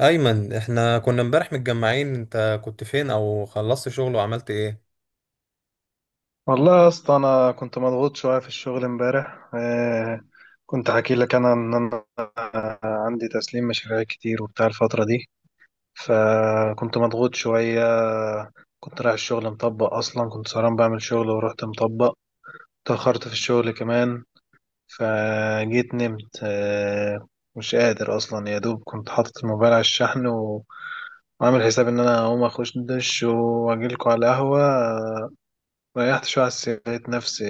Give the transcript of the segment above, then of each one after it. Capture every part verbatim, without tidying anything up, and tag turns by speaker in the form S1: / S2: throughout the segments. S1: ايمن، احنا كنا امبارح متجمعين، انت كنت فين او خلصت شغل وعملت ايه؟
S2: والله يا اسطى، انا كنت مضغوط شويه في الشغل امبارح. آه كنت حكي لك انا ان انا عندي تسليم مشاريع كتير وبتاع الفتره دي، فكنت مضغوط شويه. كنت رايح الشغل مطبق، اصلا كنت سهران بعمل شغل ورحت مطبق، اتاخرت في الشغل كمان. فجيت نمت. آه مش قادر اصلا، يا دوب كنت حاطط الموبايل على الشحن و- وعامل حساب ان انا هقوم اخش دش واجيلكوا على القهوه. ريحت شوية على السرير، لقيت نفسي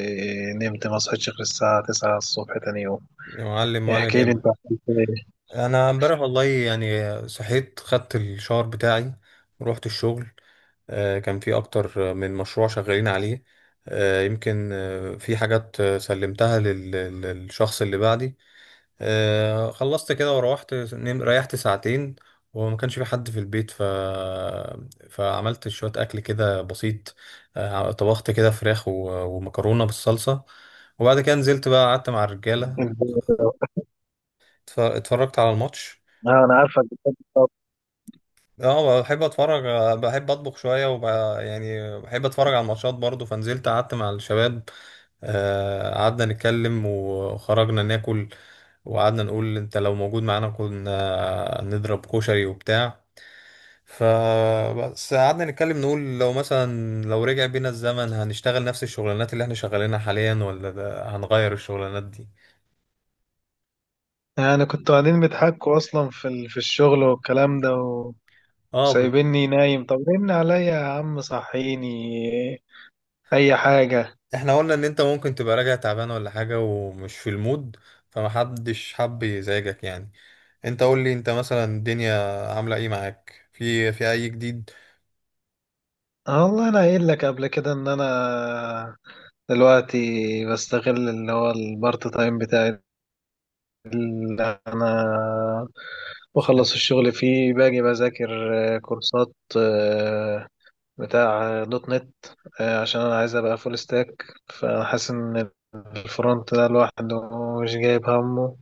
S2: نمت، ما صحيتش غير الساعة تسعة الصبح تاني يوم.
S1: يا معلم
S2: إيه،
S1: ولا
S2: احكي لي انت
S1: يهمك.
S2: عملت ايه.
S1: انا امبارح والله يعني صحيت، خدت الشاور بتاعي ورحت الشغل. آه، كان في اكتر من مشروع شغالين عليه. آه، يمكن آه، في حاجات آه، سلمتها لل- للشخص اللي بعدي. آه، خلصت كده وروحت نم- ريحت ساعتين، وما كانش في حد في البيت ف... فعملت شوية أكل كده بسيط. آه، طبخت كده فراخ و... ومكرونة بالصلصة، وبعد كده نزلت بقى قعدت مع الرجالة،
S2: انت-
S1: اتف- اتفرجت على الماتش.
S2: اه، انا عارفك بتحب الطبخ.
S1: اه، بحب اتفرج، آه، بحب اطبخ شوية وب... يعني بحب اتفرج على الماتشات برضو. فنزلت قعدت مع الشباب، آه، قعدنا نتكلم وخرجنا ناكل، وقعدنا نقول انت لو موجود معانا كنا نضرب كشري وبتاع. فبس قعدنا نتكلم، نقول لو مثلا لو رجع بينا الزمن هنشتغل نفس الشغلانات اللي احنا شغالينها حاليا، ولا ده- هنغير الشغلانات دي.
S2: يعني كنتوا قاعدين بيضحكوا اصلا في ال... في الشغل والكلام ده و-
S1: اه بال-
S2: وسايبيني نايم؟ طب رن عليا يا عم صحيني، اي حاجة.
S1: احنا قلنا ان انت ممكن تبقى راجع تعبان ولا حاجة ومش في المود، فمحدش حب يزعجك يعني. انت قول لي انت مثلا الدنيا عاملة ايه معاك، في في اي جديد؟
S2: اه والله انا قايل لك قبل كده ان انا دلوقتي بستغل اللي هو البارت تايم بتاعي، اللي انا بخلص الشغل فيه باجي بذاكر آه، كورسات، آه، بتاع آه، دوت نت، آه، عشان انا عايز ابقى فول ستاك. فانا حاسس ان الفرونت ده لوحده مش جايب همه،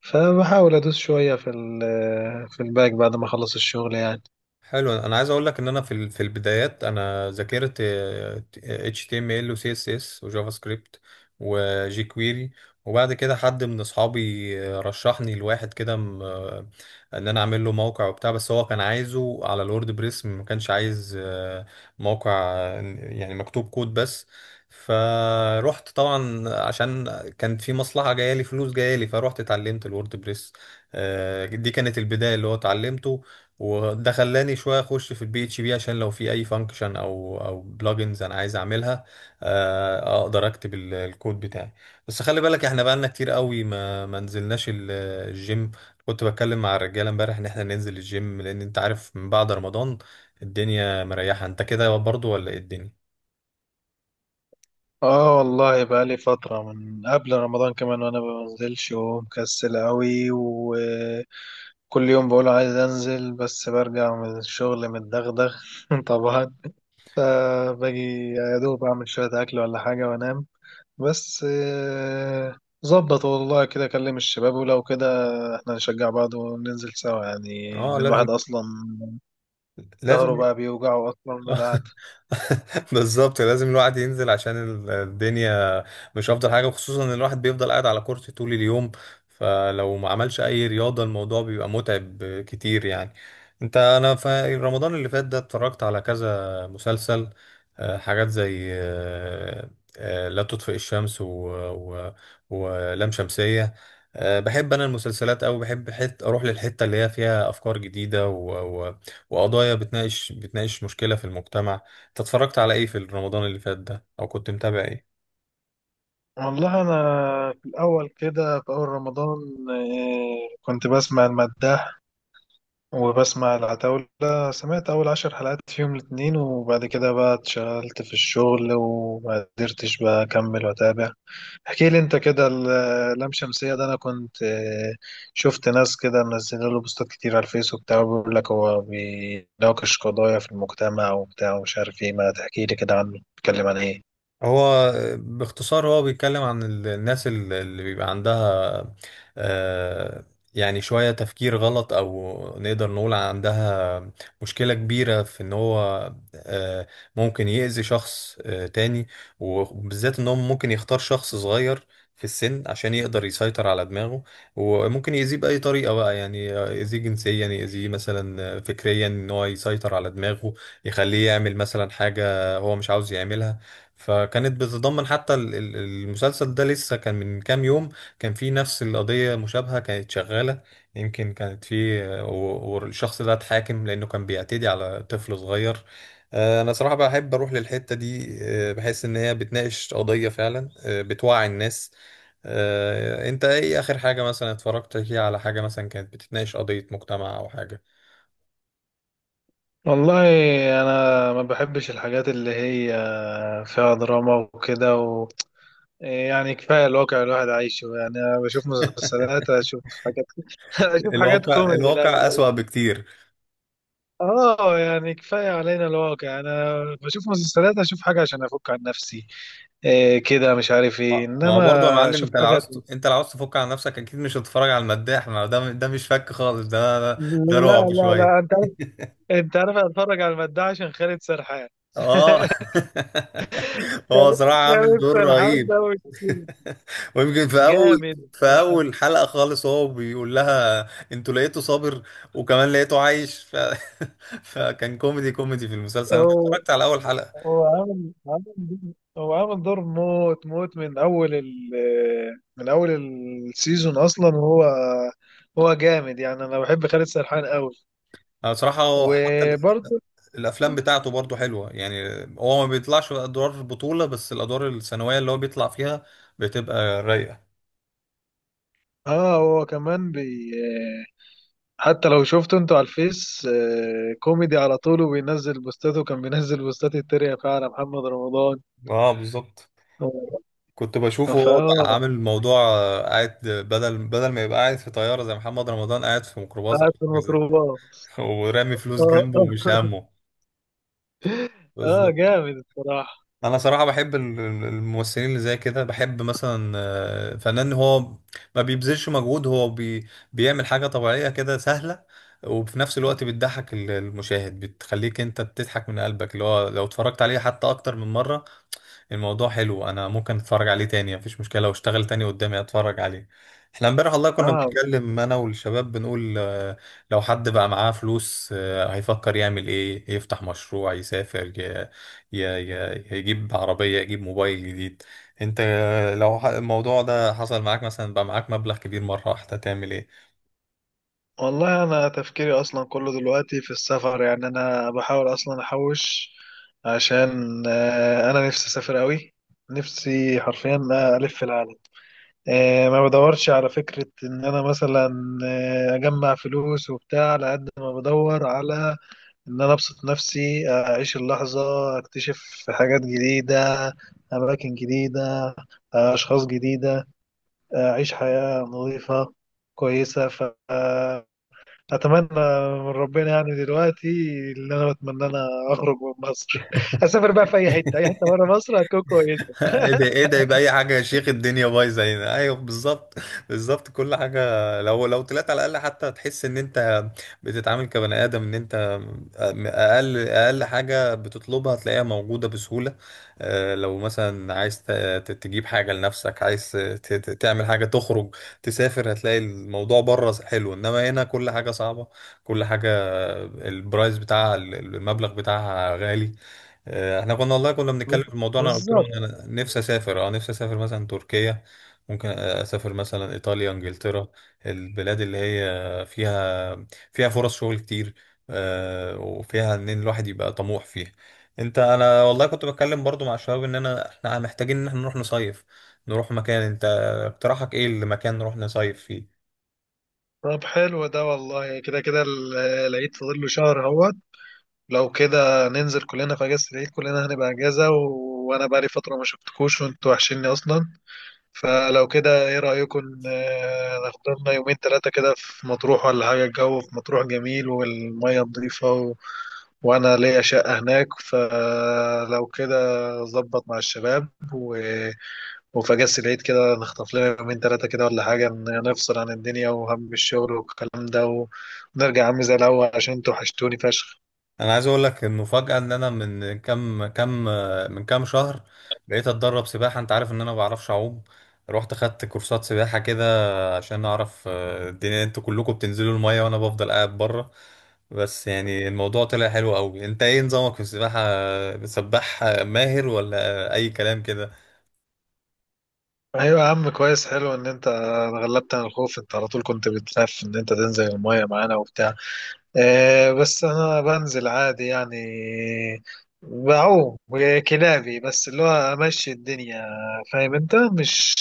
S2: فبحاول ادوس شوية في ال آه، في الباك بعد ما اخلص الشغل يعني.
S1: حلو. انا عايز اقول لك ان انا في ال- في البدايات انا ذاكرت آه، H T M L و C S S و جافا سكريبت وجي كويري. وبعد كده حد من اصحابي آه، رشحني لواحد كده م- آه، ان انا اعمل له موقع وبتاع، بس هو كان عايزه على الورد بريس، ما كانش عايز آه، موقع آه، يعني مكتوب كود بس. فروحت طبعا عشان كان في مصلحة جاية لي، فلوس جاية لي، فروحت اتعلمت الورد بريس. آه، دي كانت البداية اللي هو اتعلمته. وده خلاني شويه اخش في البي اتش بي، عشان لو في اي فانكشن او او بلجنز انا عايز اعملها، آه، اقدر اكتب ال- الكود بتاعي. بس خلي بالك احنا بقالنا كتير قوي ما ما نزلناش ال- الجيم. كنت بتكلم مع الرجاله امبارح ان احنا ننزل الجيم، لان انت عارف من بعد رمضان الدنيا مريحه. انت كده برضو ولا ايه الدنيا؟
S2: اه والله بقى لي فترة من قبل رمضان كمان، وانا ما بنزلش ومكسل قوي، وكل يوم بقول عايز انزل بس برجع من الشغل متدغدغ. طبعا، فباجي يا دوب أعمل شوية أكل ولا حاجة وأنام. بس آه، ظبط والله كده أكلم الشباب، ولو كده إحنا نشجع بعض وننزل سوا يعني،
S1: اه
S2: لأن
S1: لازم،
S2: الواحد أصلا
S1: لازم.
S2: ظهره بقى بيوجعه أصلا من القعدة.
S1: بالظبط، لازم الواحد ينزل، عشان ال- الدنيا مش افضل حاجه، وخصوصا ان الواحد بيفضل قاعد على كرسي طول اليوم، فلو ما عملش اي رياضه الموضوع بيبقى متعب كتير يعني. انت، انا في رمضان اللي فات ده اتفرجت على كذا مسلسل، آه، حاجات زي آه، آه، لا تطفئ الشمس و... و... ولام شمسيه. آه، بحب انا المسلسلات أوي، بحب حت... اروح للحته اللي هي فيها افكار جديده و... و... وقضايا بتناقش، بتناقش مشكله في المجتمع. انت اتفرجت على ايه في رمضان اللي فات ده، او كنت متابع ايه؟
S2: والله أنا في الأول كده في أول رمضان آه، كنت بسمع المداح وبسمع العتاولة. سمعت أول عشر حلقات في يوم الاتنين، وبعد كده بقى اتشغلت في الشغل وما قدرتش بقى أكمل وأتابع. احكي لي انت كده، ال- اللام شمسية ده انا كنت آه، شفت ناس كده منزله له بوستات كتير على الفيس وبتاع، بيقول لك هو بيناقش قضايا في المجتمع وبتاع، ومش عارف ايه، ما تحكي لي كده عنه، بيتكلم عن ايه؟
S1: هو باختصار هو بيتكلم عن ال- الناس ال- اللي بيبقى عندها آه، يعني شوية تفكير غلط، أو نقدر نقول عندها مشكلة كبيرة، في إن هو آه، ممكن يأذي شخص آه، تاني. وبالذات إن هو ممكن يختار شخص صغير في السن، عشان يقدر يسيطر على دماغه، وممكن يأذيه بأي طريقة بقى، يعني يأذيه جنسيا، يأذيه مثلا فكريا، إن هو يسيطر على دماغه، يخليه يعمل مثلا حاجة هو مش عاوز يعملها. فكانت بتتضمن حتى ال- ال- المسلسل ده لسه كان من كام يوم، كان في نفس القضية مشابهة كانت شغالة، يمكن كانت في و- والشخص ده اتحاكم لأنه كان بيعتدي على طفل صغير. آه، أنا صراحة بحب أروح للحتة دي، آه، بحس إن هي بتناقش قضية فعلا، آه، بتوعي الناس. آه، أنت إيه آخر حاجة مثلا اتفرجت فيها على حاجة مثلا كانت بتتناقش قضية مجتمع أو حاجة؟
S2: والله انا ما بحبش الحاجات اللي هي فيها دراما وكده و... يعني كفايه الواقع اللي الواحد عايشه. يعني انا بشوف مسلسلات، اشوف حاجات، اشوف حاجات
S1: الواقع،
S2: كوميدي، لا.
S1: الواقع أسوأ بكتير.
S2: اه، يعني كفايه علينا الواقع، انا بشوف مسلسلات اشوف حاجه عشان افك عن نفسي، إيه كده مش عارف ايه،
S1: ما
S2: انما
S1: ما برضه يا معلم،
S2: اشوف
S1: انت لو
S2: حاجه.
S1: عاوز، انت لو عاوز تفك عن نفسك اكيد مش هتتفرج على المداح، ما ده ده مش فك خالص، ده ده, ده
S2: لا،
S1: رعب
S2: لا، لا،
S1: شويه.
S2: انت عارف، انت عارف اتفرج على المداح عشان خالد سرحان.
S1: اه. هو صراحه عامل
S2: خالد
S1: دور
S2: سرحان ده
S1: رهيب.
S2: وكيل.
S1: ويمكن في اول،
S2: جامد.
S1: في
S2: أنا حط-
S1: اول حلقه خالص هو بيقول لها انتوا لقيته صابر، وكمان لقيته عايش ف... فكان كوميدي، كوميدي في المسلسل. انا
S2: هو
S1: اتفرجت على اول حلقه.
S2: هو عامل عامل هو عامل دور موت موت من اول ال من اول السيزون اصلا، وهو هو جامد يعني، انا بحب خالد سرحان قوي.
S1: انا بصراحه هو- حتى
S2: وبرضه
S1: الافلام بتاعته برضو حلوه يعني. هو ما بيطلعش ادوار بطوله، بس الادوار الثانويه اللي هو بيطلع فيها بتبقى رايقه.
S2: اه، هو كمان، بي حتى لو شفته انتوا على الفيس آه، كوميدي على طول، وبينزل بوستاته، وكان بينزل بوستات التريقة فعلا محمد رمضان.
S1: اه بالظبط. كنت
S2: اه
S1: بشوفه هو بقى
S2: فاه
S1: عامل موضوع، آه، قاعد بدل بدل ما يبقى قاعد في طياره زي محمد رمضان، قاعد في ميكروباص او
S2: قاعد في
S1: حاجه زي
S2: الميكروباص.
S1: كده، ورامي فلوس
S2: اه،
S1: جنبه ومش
S2: اه،
S1: همه.
S2: اه،
S1: بالظبط.
S2: جامد الصراحة.
S1: انا صراحه بحب ال- ال- الممثلين اللي زي كده. بحب مثلا آه، فنان هو ما بيبذلش مجهود، هو بي بيعمل حاجه طبيعيه كده سهله، وفي نفس الوقت بتضحك ال- المشاهد، بتخليك انت بتضحك من قلبك، اللي هو لو اتفرجت عليه حتى اكتر من مره الموضوع حلو، انا ممكن اتفرج عليه تاني مفيش مشكله، لو اشتغل تاني قدامي اتفرج عليه. احنا امبارح والله كنا
S2: اه
S1: بنتكلم انا والشباب، بنقول آه، لو حد بقى معاه فلوس آه، هيفكر يعمل ايه، يفتح مشروع، يسافر، ي- ي- ي- يجيب عربيه، يجيب موبايل جديد. انت آه، لو ح- الموضوع ده حصل معاك مثلا، بقى معاك مبلغ كبير مره واحده، تعمل ايه؟
S2: والله انا تفكيري اصلا كله دلوقتي في السفر يعني، انا بحاول اصلا احوش عشان آه، انا نفسي اسافر قوي، نفسي حرفيا الف العالم. آه، ما بدورش على فكرة إن أنا مثلا آه، أجمع فلوس وبتاع، على قد ما بدور على إن أنا أبسط نفسي أعيش اللحظة، أكتشف حاجات جديدة، أماكن جديدة، آه، أشخاص جديدة، آه، أعيش حياة نظيفة كويسة. فأتمنى من ربنا يعني دلوقتي، اللي أنا بتمنى أنا أخرج من مصر، أسافر بقى في أي حتة، أي حتة بره مصر هتكون كويسة.
S1: ايه ده، ايه ده؟ يبقى اي حاجه يا شيخ، الدنيا بايظه هنا. ايوه بالظبط، بالظبط كل حاجه. لو لو طلعت على الاقل حتى هتحس ان انت بتتعامل كبني ادم، ان انت اقل، اقل حاجه بتطلبها هتلاقيها موجوده بسهوله. آه، لو مثلا عايز ت- ت- تجيب حاجه لنفسك، عايز ت- ت- تعمل حاجه، تخرج، تسافر، هتلاقي الموضوع بره حلو. انما هنا كل حاجه صعبه، كل حاجه البرايس بتاعها المبلغ بتاعها غالي. آه، احنا كنا والله كنا بنتكلم في الموضوع، انا قلت لهم
S2: بالظبط.
S1: إن انا نفسي اسافر، اه نفسي اسافر مثلا تركيا، ممكن آه، اسافر مثلا ايطاليا، انجلترا، البلاد اللي هي فيها، فيها فرص شغل كتير، آه، وفيها ان الواحد يبقى طموح فيها. انت، انا والله كنت بتكلم برضو مع الشباب ان انا، احنا محتاجين ان احنا نروح نصيف، نروح مكان. انت اقتراحك ايه المكان نروح نصيف فيه؟
S2: طب حلو ده، والله كده كده ال- العيد فاضل له شهر اهوت. لو كده ننزل كلنا في اجازة العيد، كلنا هنبقى اجازة، و... وانا بقالي فترة ما شفتكوش وانتوا وحشيني اصلا. فلو كده ايه رأيكم، آه، ناخد لنا يومين ثلاثة كده في مطروح ولا حاجة، الجو في مطروح جميل والمية نظيفة، و... وانا ليا شقة هناك. فلو كده ظبط مع الشباب، و وفجأة العيد كده نخطف لنا يومين تلاتة كده ولا حاجة، ن- نفصل عن الدنيا وهم الشغل والكلام ده و... ونرجع يا عم زي الأول عشان انتوا وحشتوني فشخ.
S1: انا عايز اقول لك انه فجأة ان انا من كام، كام من كام شهر بقيت اتدرب سباحة. انت عارف ان انا ما بعرفش اعوم، رحت خدت كورسات سباحة كده عشان اعرف آه، الدنيا، انتوا كلكم بتنزلوا المية وانا بفضل قاعد بره. بس يعني الموضوع طلع حلو قوي. انت ايه نظامك في السباحة، سباح ماهر ولا اي كلام كده؟
S2: أيوة يا عم، كويس، حلو إن أنت غلبت عن الخوف. أنت على طول كنت بتخاف إن أنت تنزل المية معانا وبتاع. آه بس أنا بنزل عادي يعني، بعوم كلابي، بس اللي هو أمشي الدنيا، فاهم أنت مش